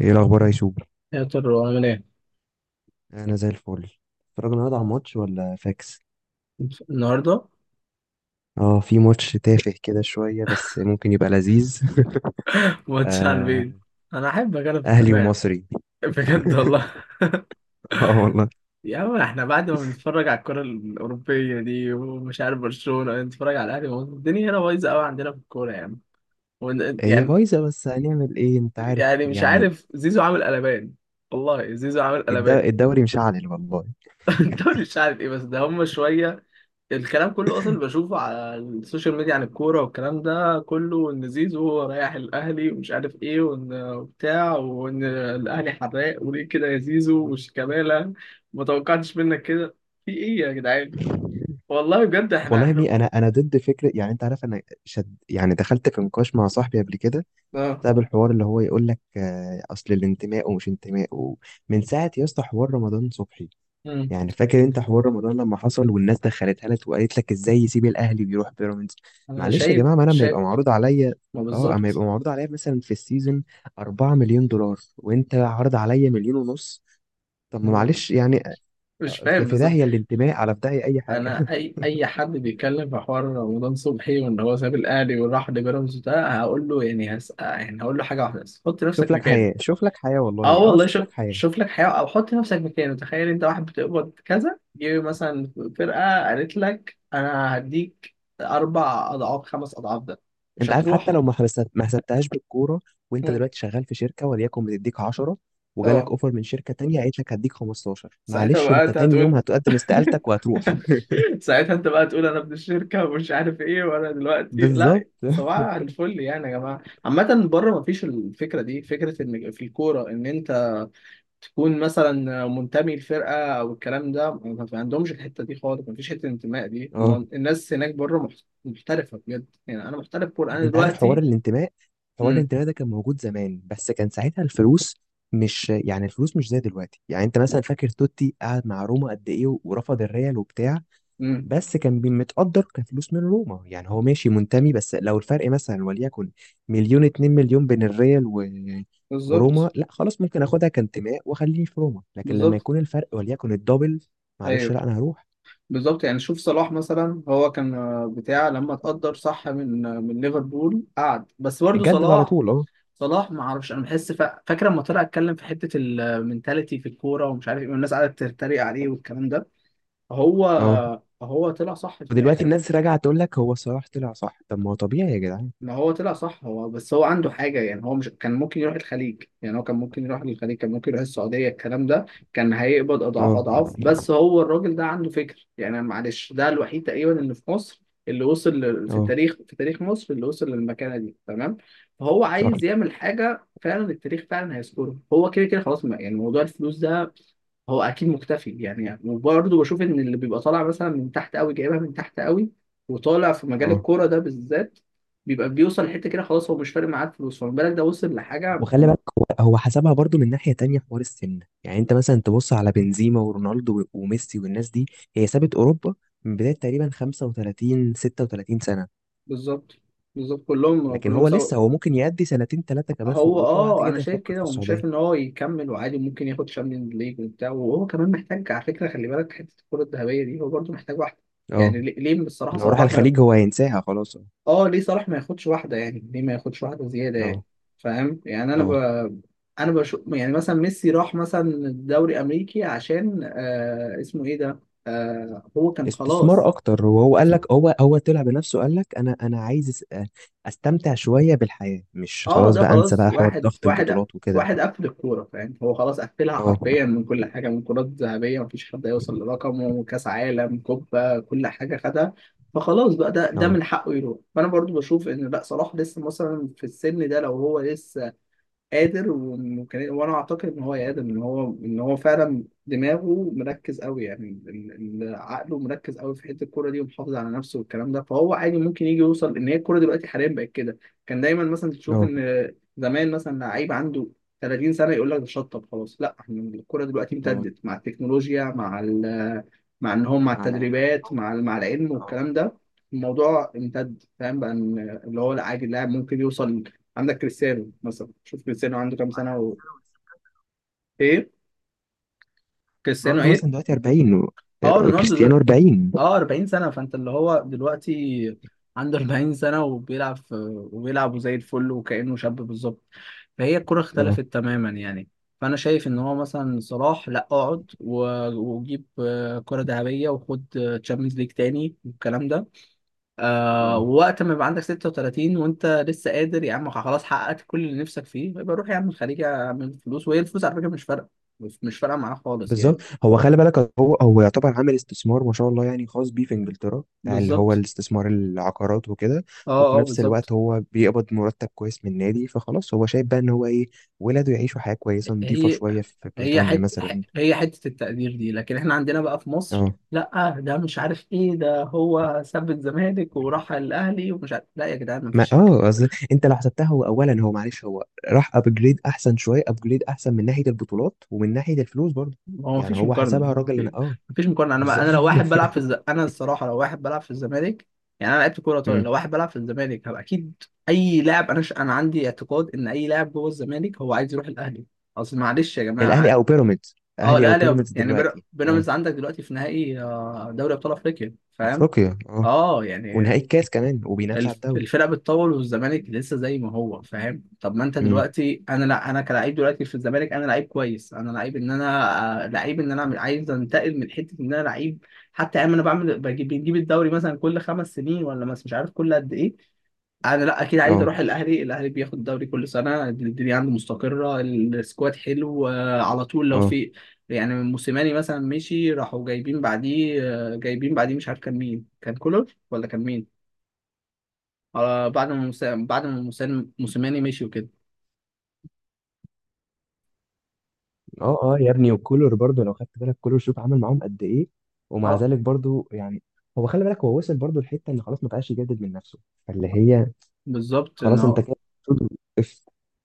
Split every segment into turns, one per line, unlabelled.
ايه الاخبار يا يوسف؟
يا ترى عامل ايه؟
انا زي الفل. اتفرج النهارده على الماتش ولا فاكس؟
النهارده
اه، في ماتش تافه كده شويه بس ممكن يبقى لذيذ.
واتس على البيت.
آه.
انا احب اجرب
اهلي
التفاهه
ومصري.
بجد والله.
اه والله.
يا عم احنا بعد ما بنتفرج على الكره الاوروبيه دي ومش عارف برشلونه نتفرج على الاهلي، ما هو الدنيا هنا بايظه قوي عندنا في الكوره يعني.
هي
يعني
بايظه، بس هنعمل ايه؟ انت عارف
يعني مش
يعني.
عارف زيزو عامل قلبان، والله زيزو عامل قلبان.
الدوري مشعل والله.
الدوري مش عارف ايه بس ده هم شويه. الكلام كله اصلا اللي بشوفه على السوشيال ميديا عن الكوره والكلام ده كله ان زيزو رايح الاهلي ومش عارف ايه، وان بتاع، وان الاهلي حراق وليه كده يا زيزو، وشيكابالا ما توقعتش منك كده. في ايه يا جدعان؟ والله بجد احنا
والله يا
احنا
ابني، انا ضد فكره، يعني انت عارف، انا شد يعني، دخلت في نقاش مع صاحبي قبل كده
اه.
بسبب الحوار اللي هو يقول لك اصل الانتماء ومش انتماء، ومن ساعه يا اسطى حوار رمضان صبحي.
أمم.
يعني فاكر انت حوار رمضان لما حصل والناس دخلتها لك وقالت لك ازاي يسيب الاهلي ويروح بيراميدز؟
انا
معلش يا
شايف
جماعه، ما انا لما
شايف
يبقى معروض عليا،
ما
اه، اما
بالظبط.
يبقى معروض عليا مثلا في السيزون 4 مليون دولار وانت عارض عليا 1.5 مليون، طب ما
ما-
معلش يعني.
مش
في
فاهم
في
بالظبط.
داهيه الانتماء، على في داهيه اي حاجه.
انا اي حد بيتكلم في حوار رمضان صبحي وان هو ساب الاهلي وراح لبيراميدز، ده هقول له يعني هسأل، يعني هقول له حاجه واحده بس: حط
شوف
نفسك
لك
مكاني.
حياه، شوف لك حياه،
اه
والله اه
والله،
شوف
شوف
لك حياه.
شوف لك حيوان، او حط نفسك مكانه. تخيل انت واحد بتقبض كذا، جه مثلا فرقه قالت لك انا هديك اربع اضعاف، خمس اضعاف ده، مش
انت عارف، حتى
هتروح؟
لو ما ما حسبتهاش بالكوره، وانت
مم.
دلوقتي شغال في شركه وليكن بتديك 10، وجالك
اه.
اوفر من شركه تانية قالت لك هديك 15،
ساعتها
معلش
بقى
انت
انت
تاني يوم
هتقول،
هتقدم استقالتك وهتروح.
ساعتها انت بقى تقول انا ابن الشركه ومش عارف ايه، وانا دلوقتي لا
بالظبط
صباح الفل. يعني يا جماعه عامه بره ما فيش الفكره دي، فكره ان في الكوره ان انت تكون مثلا منتمي لفرقه او الكلام ده، ما في عندهمش الحته دي خالص، ما فيش حته الانتماء دي.
اه.
الناس هناك بره محترفه بجد. يعني انا محترف كوره انا
انت عارف حوار
دلوقتي.
الانتماء، حوار
امم
الانتماء ده كان موجود زمان، بس كان ساعتها الفلوس، مش يعني الفلوس مش زي دلوقتي. يعني انت مثلا فاكر توتي قعد مع روما قد ايه ورفض الريال وبتاع،
امم.
بس كان متقدر كفلوس من روما، يعني هو ماشي منتمي. بس لو الفرق مثلا وليكن مليون، 2 مليون بين الريال و...
بالظبط
وروما، لا خلاص، ممكن اخدها كانتماء واخليني في روما. لكن لما
بالظبط.
يكون الفرق وليكن الدبل، معلش،
ايوه
لا انا هروح.
بالظبط. يعني شوف صلاح مثلا، هو كان بتاع لما اتقدر صح من من ليفربول قعد، بس برضه
جدد على
صلاح،
طول اه.
صلاح ما اعرفش، انا بحس فاكر لما طلع اتكلم في حته المنتاليتي في الكوره ومش عارف ايه، والناس قعدت تتريق عليه والكلام ده، هو
اه.
هو طلع صح في
ودلوقتي
الاخر.
الناس راجعه تقول لك هو صلاح طلع صح، طب ما هو طبيعي يا جدعان.
ما هو طلع صح، هو بس هو عنده حاجة يعني، هو مش كان ممكن يروح الخليج، يعني هو كان ممكن يروح للخليج، كان ممكن يروح السعودية الكلام ده، كان هيقبض أضعاف
اه
أضعاف، بس هو الراجل ده عنده فكر يعني. معلش ده الوحيد تقريبا اللي في مصر اللي وصل في
اه
التاريخ، في تاريخ مصر اللي وصل للمكانة دي، تمام؟ فهو
صح
عايز يعمل حاجة، فعلا التاريخ فعلا هيذكره، هو كده كده خلاص. يعني موضوع الفلوس ده هو اكيد مختفي يعني. وبرضه بشوف ان اللي بيبقى طالع مثلا من تحت قوي، جايبها من تحت قوي، وطالع في مجال
اه.
الكوره ده بالذات، بيبقى بيوصل لحته كده خلاص، هو مش فارق معاه الفلوس، فما بالك ده وصل لحاجه
وخلي بالك، هو حسبها برضو من ناحية تانية، حوار السن. يعني انت مثلا تبص على بنزيما ورونالدو وميسي والناس دي، هي سابت اوروبا من بداية تقريبا 35 36 سنة.
بالظبط. بالظبط كلهم
لكن
كلهم
هو
سوا.
لسه، هو ممكن يأدي سنتين ثلاثة كمان في
هو
اوروبا، بعد
اه انا
كده
شايف
يفكر في
كده، ومش
السعودية.
شايف ان هو يكمل وعادي ممكن ياخد شامبيونز ليج وبتاع، وهو كمان محتاج على فكره، خلي بالك، حته الكره الذهبيه دي هو برضه محتاج واحده.
اه،
يعني ليه بصراحه
لو راح
صلاح،
الخليج هو هينساها خلاص اه.
اه ليه صلاح ما ياخدش واحده، يعني ليه ما ياخدش واحده زياده يعني؟
اه
فاهم يعني؟ انا ب...
اه.
انا بشوف يعني، مثلا ميسي راح مثلا الدوري الامريكي عشان اسمه ايه ده، آه هو كان
استثمار
خلاص.
اكتر، وهو قال
بس-
لك، هو طلع بنفسه، قال لك انا عايز استمتع شوية بالحياة، مش
اه
خلاص
ده
بقى انسى
خلاص.
بقى حوار
واحد
ضغط
واحد
البطولات وكده.
واحد قفل الكوره، فاهم؟ هو خلاص قفلها
اه
حرفيا، من كل حاجه، من كرات ذهبيه مفيش حد هيوصل لرقمه، كاس عالم، كوبا، كل حاجه خدها. فخلاص بقى، ده
اه
من حقه يروح. فانا برضو بشوف ان لا، صلاح لسه مثلا في السن ده لو هو لسه قادر، وممكن، وانا اعتقد ان هو قادر، ان هو ان هو فعلا دماغه مركز قوي يعني، عقله مركز قوي في حته الكوره دي، ومحافظ على نفسه والكلام ده، فهو عادي ممكن يجي يوصل. ان هي الكوره دلوقتي حاليا بقت كده، كان دايما مثلا تشوف ان زمان مثلا لعيب عنده 30 سنه يقول لك ده شطب خلاص. لا، احنا الكوره دلوقتي
اه.
امتدت مع التكنولوجيا، مع مع ان هم، مع
مع العلم
التدريبات،
التطور
مع مع العلم
اه.
والكلام ده. الموضوع امتد، فاهم بقى؟ ان اللي هو عادي اللاعب ممكن يوصل. عندك كريستيانو مثلا، شوف كريستيانو عنده كام سنة
40
و...
سنة ولسه.
ايه؟ كريستيانو
رونالدو
ايه؟
مثلا دلوقتي 40
اه رونالدو دل...
كريستيانو 40.
اه 40 سنة. فانت اللي هو دلوقتي عنده 40 سنة، وبيلعب في... وبيلعب زي الفل وكأنه شاب، بالظبط. فهي الكرة اختلفت
اه
تماما يعني. فانا شايف ان هو مثلا صلاح لا، اقعد و... وجيب كرة ذهبية، وخد تشامبيونز ليج تاني والكلام ده، آه.
اه
ووقت ما يبقى عندك 36 وانت لسه قادر يا عم، خلاص حققت كل اللي نفسك فيه، يبقى روح يا عم الخليج اعمل فلوس. وهي الفلوس على فكره مش فارقه، مش فارقه معاه خالص يعني.
بالظبط. هو خلي بالك، هو يعتبر عامل استثمار ما شاء الله يعني، خاص بيه في انجلترا، بتاع اللي هو
بالظبط.
الاستثمار العقارات وكده.
اه
وفي
اه
نفس
بالظبط.
الوقت هو بيقبض مرتب كويس من النادي، فخلاص هو شايف بقى ان هو ايه، ولاده يعيشوا حياة كويسة نظيفة
هي
شوية في
هي
بريطانيا
حته
مثلا.
هي حته التقدير دي. لكن احنا عندنا بقى في مصر
اه.
لا، ده مش عارف ايه، ده هو ساب الزمالك وراح الاهلي ومش عارف. لا يا جدعان
ما
مفيش.
اصل انت لو حسبتها، هو اولا، هو معلش، هو راح ابجريد احسن شويه، ابجريد احسن من ناحيه البطولات ومن ناحيه الفلوس برضه.
هو
يعني
مفيش
هو
مقارنة
حسبها الراجل، انا اه.
مفيش مقارنة. أنا
بالظبط.
أنا لو واحد بلعب في الز... أنا الصراحة لو واحد بلعب في الزمالك، يعني أنا لعبت كورة طويلة، لو
مم.
واحد بلعب في الزمالك هبقى أكيد أي لاعب. أنا ش... أنا عندي اعتقاد إن أي لاعب جوه الزمالك هو عايز يروح الأهلي. أصل معلش يا
الاهلي
جماعة،
او بيراميدز،
أه
اهلي او
الأهلي
بيراميدز
يعني
دلوقتي اه.
بيراميدز عندك دلوقتي في نهائي دوري أبطال أفريقيا، فاهم؟
افريقيا اه.
أه يعني
ونهائي الكاس كمان وبينافس على الدوري.
الفرق بتطول، والزمالك لسه زي ما هو، فاهم؟ طب ما انت
امم.
دلوقتي، انا لا، انا كلاعب دلوقتي في الزمالك، انا لعيب كويس، انا لعيب ان انا لعيب ان انا عايز انتقل من حته ان انا لعيب. حتى ايام انا بعمل بجيب بنجيب الدوري مثلا كل خمس سنين ولا مش عارف كل قد ايه. انا لا اكيد عايز
اه
اروح الاهلي. الاهلي بياخد الدوري كل سنه، الدنيا عنده مستقره، السكواد حلو، على طول لو
اه
في يعني موسيماني مثلا مشي راحوا جايبين بعديه، جايبين بعديه مش عارف كان مين، كان كولر ولا كان مين؟ آه بعد ما بعد ما موسيماني مشي وكده.
اه. اه يا ابني، وكولر برضه لو خدت بالك، كولر شوف عمل معاهم قد ايه، ومع
اه
ذلك برضه يعني. هو خلي بالك، هو وصل برضه لحته ان خلاص ما بقاش يجدد من نفسه، فاللي هي
بالظبط ان
خلاص انت
هو
كده.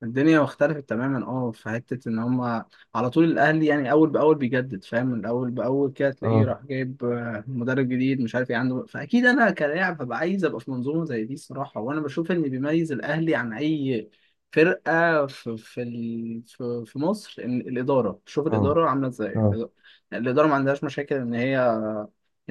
الدنيا اختلفت تماما. اه في حته ان هم على طول الاهلي يعني اول باول بيجدد، فاهم؟ الاول باول كده تلاقيه
اه
راح جايب مدرب جديد مش عارف ايه عنده. فاكيد انا كلاعب هبقى عايز ابقى في منظومه زي دي الصراحه. وانا بشوف ان بيميز الاهلي عن اي فرقه في في ال- في في مصر، ان الاداره، شوف
اه
الاداره عامله ازاي،
اه.
الاداره، الإدارة ما عندهاش مشاكل ان هي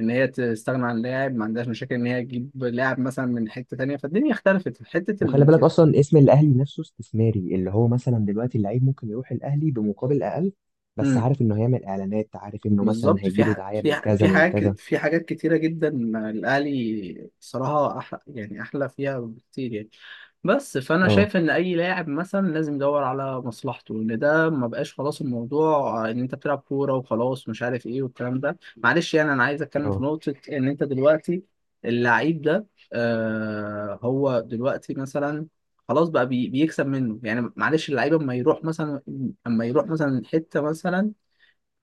ان هي تستغنى عن لاعب، ما عندهاش مشاكل ان هي تجيب لاعب مثلا من حته تانيه. فالدنيا اختلفت في حته
وخلي بالك
الامتياز.
اصلا اسم الاهلي نفسه استثماري، اللي هو مثلا دلوقتي اللعيب ممكن يروح الاهلي بمقابل اقل، بس عارف انه هيعمل اعلانات، عارف انه مثلا
بالظبط، في
هيجيله
ح...
دعايه
في
من
ح...
كذا
في
من كذا.
حاجات، في حاجات كتيرة جدا الأهلي صراحة أحلى، يعني أحلى فيها بكتير يعني. بس فأنا
اه
شايف إن أي لاعب مثلا لازم يدور على مصلحته، إن ده ما بقاش خلاص الموضوع إن أنت بتلعب كورة وخلاص مش عارف إيه والكلام ده. معلش يعني أنا عايز أتكلم في
اه
نقطة، إن أنت دلوقتي اللعيب ده، آه هو دلوقتي مثلا خلاص بقى بي... بيكسب منه يعني. معلش اللعيب أما يروح مثلا، أما يروح مثلا حتة مثلا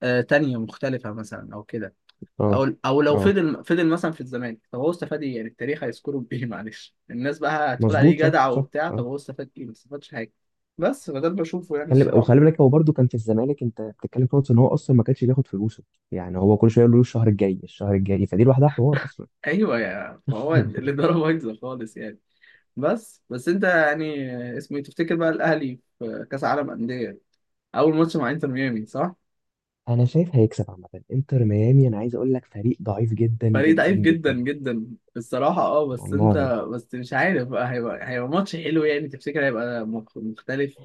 تانية مختلفة مثلا أو كده،
اه
أو لو
اه
فضل مثلا في الزمالك، طب هو استفاد إيه؟ يعني التاريخ هيذكره بإيه؟ معلش الناس بقى هتقول عليه
مظبوط صح
جدع
صح
وبتاع، طب
اه.
هو استفاد إيه؟ ما استفادش حاجة. بس فده اللي بشوفه يعني
خلي
الصراحة.
وخلي بالك، هو برده كان في الزمالك، انت بتتكلم في نقطه ان هو اصلا ما كانش بياخد فلوسه. يعني هو كل شويه يقول له الشهر الجاي الشهر الجاي، فدي لوحدها حوار اصلا.
أيوه، يا فهو الإدارة بايظة خالص يعني. بس أنت يعني اسمه إيه؟ تفتكر بقى الأهلي في كأس العالم أندية أول ماتش مع إنتر ميامي، صح؟
انا شايف هيكسب عامه، انتر ميامي انا عايز اقول لك فريق ضعيف جدا
فريق
جدا
ضعيف جدا
جدا.
جدا الصراحة، اه. بس انت،
والله،
بس مش عارف بقى هيبقى ماتش حلو يعني. تفتكر هيبقى مختلف؟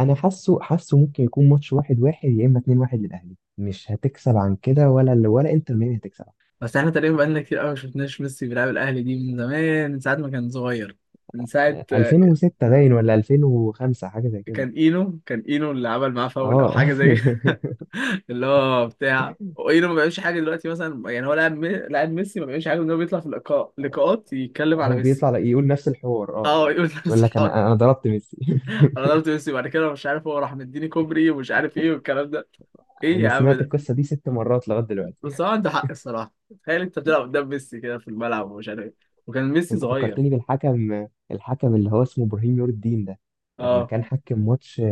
انا حاسه ممكن يكون ماتش واحد واحد، يا اما اتنين واحد للاهلي. مش هتكسب عن كده ولا، ولا انتر ميامي هتكسب.
بس احنا تقريبا بقالنا كتير قوي ما شفناش ميسي بيلعب الاهلي دي، من زمان، من ساعه ما كان صغير، من ساعه
2006 باين ولا 2005، حاجه زي كده.
كان اينو اللي عمل معاه فاول او
اه.
حاجه زي كده. اللي هو بتاع اينو ما بيعملش حاجه دلوقتي مثلا يعني. هو لاعب لاعب ميسي، ما بيعملش حاجه، ان هو بيطلع في اللقاء، لقاءات يتكلم على
هو
ميسي.
بيطلع يقول نفس الحوار،
اه
يعني
يقول
يقول
نفس
لك انا
الحوار:
انا ضربت ميسي.
انا ضربت ميسي بعد كده مش عارف، هو راح مديني كوبري ومش عارف ايه والكلام ده. ايه يا
انا
عم
سمعت
ده؟
القصه دي 6 مرات لغايه دلوقتي.
بس هو عنده حق الصراحه، تخيل انت بتلعب قدام ميسي كده في الملعب ومش عارف ايه، وكان ميسي
انت
صغير.
فكرتني بالحكم، الحكم اللي هو اسمه ابراهيم نور الدين ده لما
اه
كان حكم ماتش،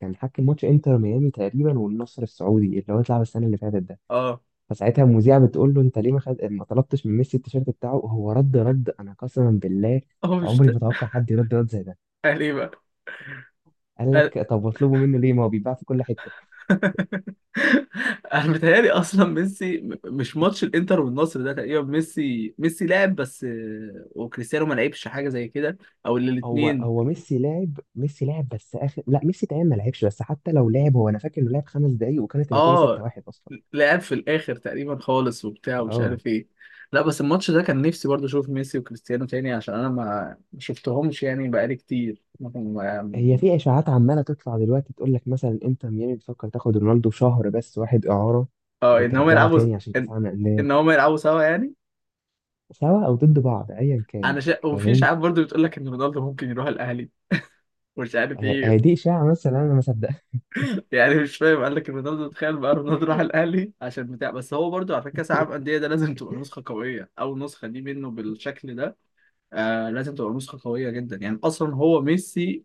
كان حكم ماتش انتر ميامي تقريبا والنصر السعودي، اللي هو اتلعب السنه اللي فاتت.
اه.
فساعتها المذيعة بتقول له انت ليه ما ما طلبتش من ميسي التيشيرت بتاعه؟ هو رد انا قسما بالله
هو مش
عمري ما اتوقع حد يرد رد زي ده.
اهلي بقى؟
قال
أهل-
لك، طب واطلبه منه ليه، ما هو بيتباع في كل حتة.
انا متهيألي اصلا ميسي مش ماتش الانتر والنصر ده تقريبا ميسي لعب بس وكريستيانو ما لعبش حاجه زي كده. او
هو
الاثنين،
هو ميسي لاعب، ميسي لاعب بس اخر، لا ميسي تقريبا ما لعبش. بس حتى لو لعب، هو انا فاكر انه لعب 5 دقايق، وكانت النتيجة
اه،
6-1 اصلا.
لعب في الاخر تقريبا خالص وبتاع ومش
اه.
عارف ايه. لا بس الماتش ده كان نفسي برضه اشوف ميسي وكريستيانو تاني، عشان انا ما شفتهمش يعني بقالي كتير
هي في اشاعات عمالة تطلع دلوقتي تقول لك مثلا انتر ميامي بتفكر تاخد رونالدو شهر بس واحد اعارة،
اه ان هم
وترجعه
يلعبوا،
تاني عشان كاس
ان
عالم انديه.
إن هم يلعبوا سوا يعني.
سوا او ضد بعض ايا كان.
انا شا... وفي
فاهم.
اشاعات برضه بتقول لك ان رونالدو ممكن يروح الاهلي مش عارف
هي
ايه،
دي اشاعه، مثلا انا ما صدقها.
يعني مش فاهم، قال لك رونالدو. تخيل بقى رونالدو راح الاهلي عشان بتاع. بس هو برضو على فكره كاس العالم انديه ده لازم تبقى نسخه قويه، اول نسخه دي منه بالشكل ده، آه لازم تبقى نسخه قويه جدا يعني، اصلا هو ميسي،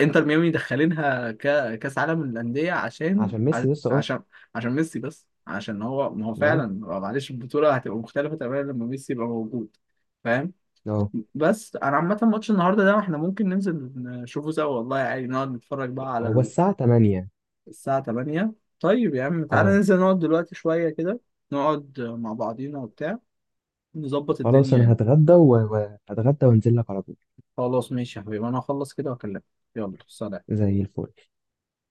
انتر ميامي دخلينها كاس عالم الانديه عشان
عشان ميسي لسه اه.
عشان عشان ميسي بس، عشان هو ما هو فعلا،
اه
معلش البطوله هتبقى مختلفه تماما لما ميسي يبقى موجود، فاهم؟
اه.
بس انا عامه ماتش النهارده ده احنا ممكن ننزل نشوفه سوا والله، يعني نقعد نتفرج بقى
هو
على
الساعه 8.
الساعة 8. طيب يا عم تعالى
اه.
ننزل نقعد دلوقتي شوية كده، نقعد مع بعضينا وبتاع، نظبط
خلاص
الدنيا
انا
يعني.
هتغدى، وهتغدى وانزل لك على طول.
خلاص ماشي يا حبيبي، أنا هخلص كده وأكلمك. يلا سلام.
زي الفل.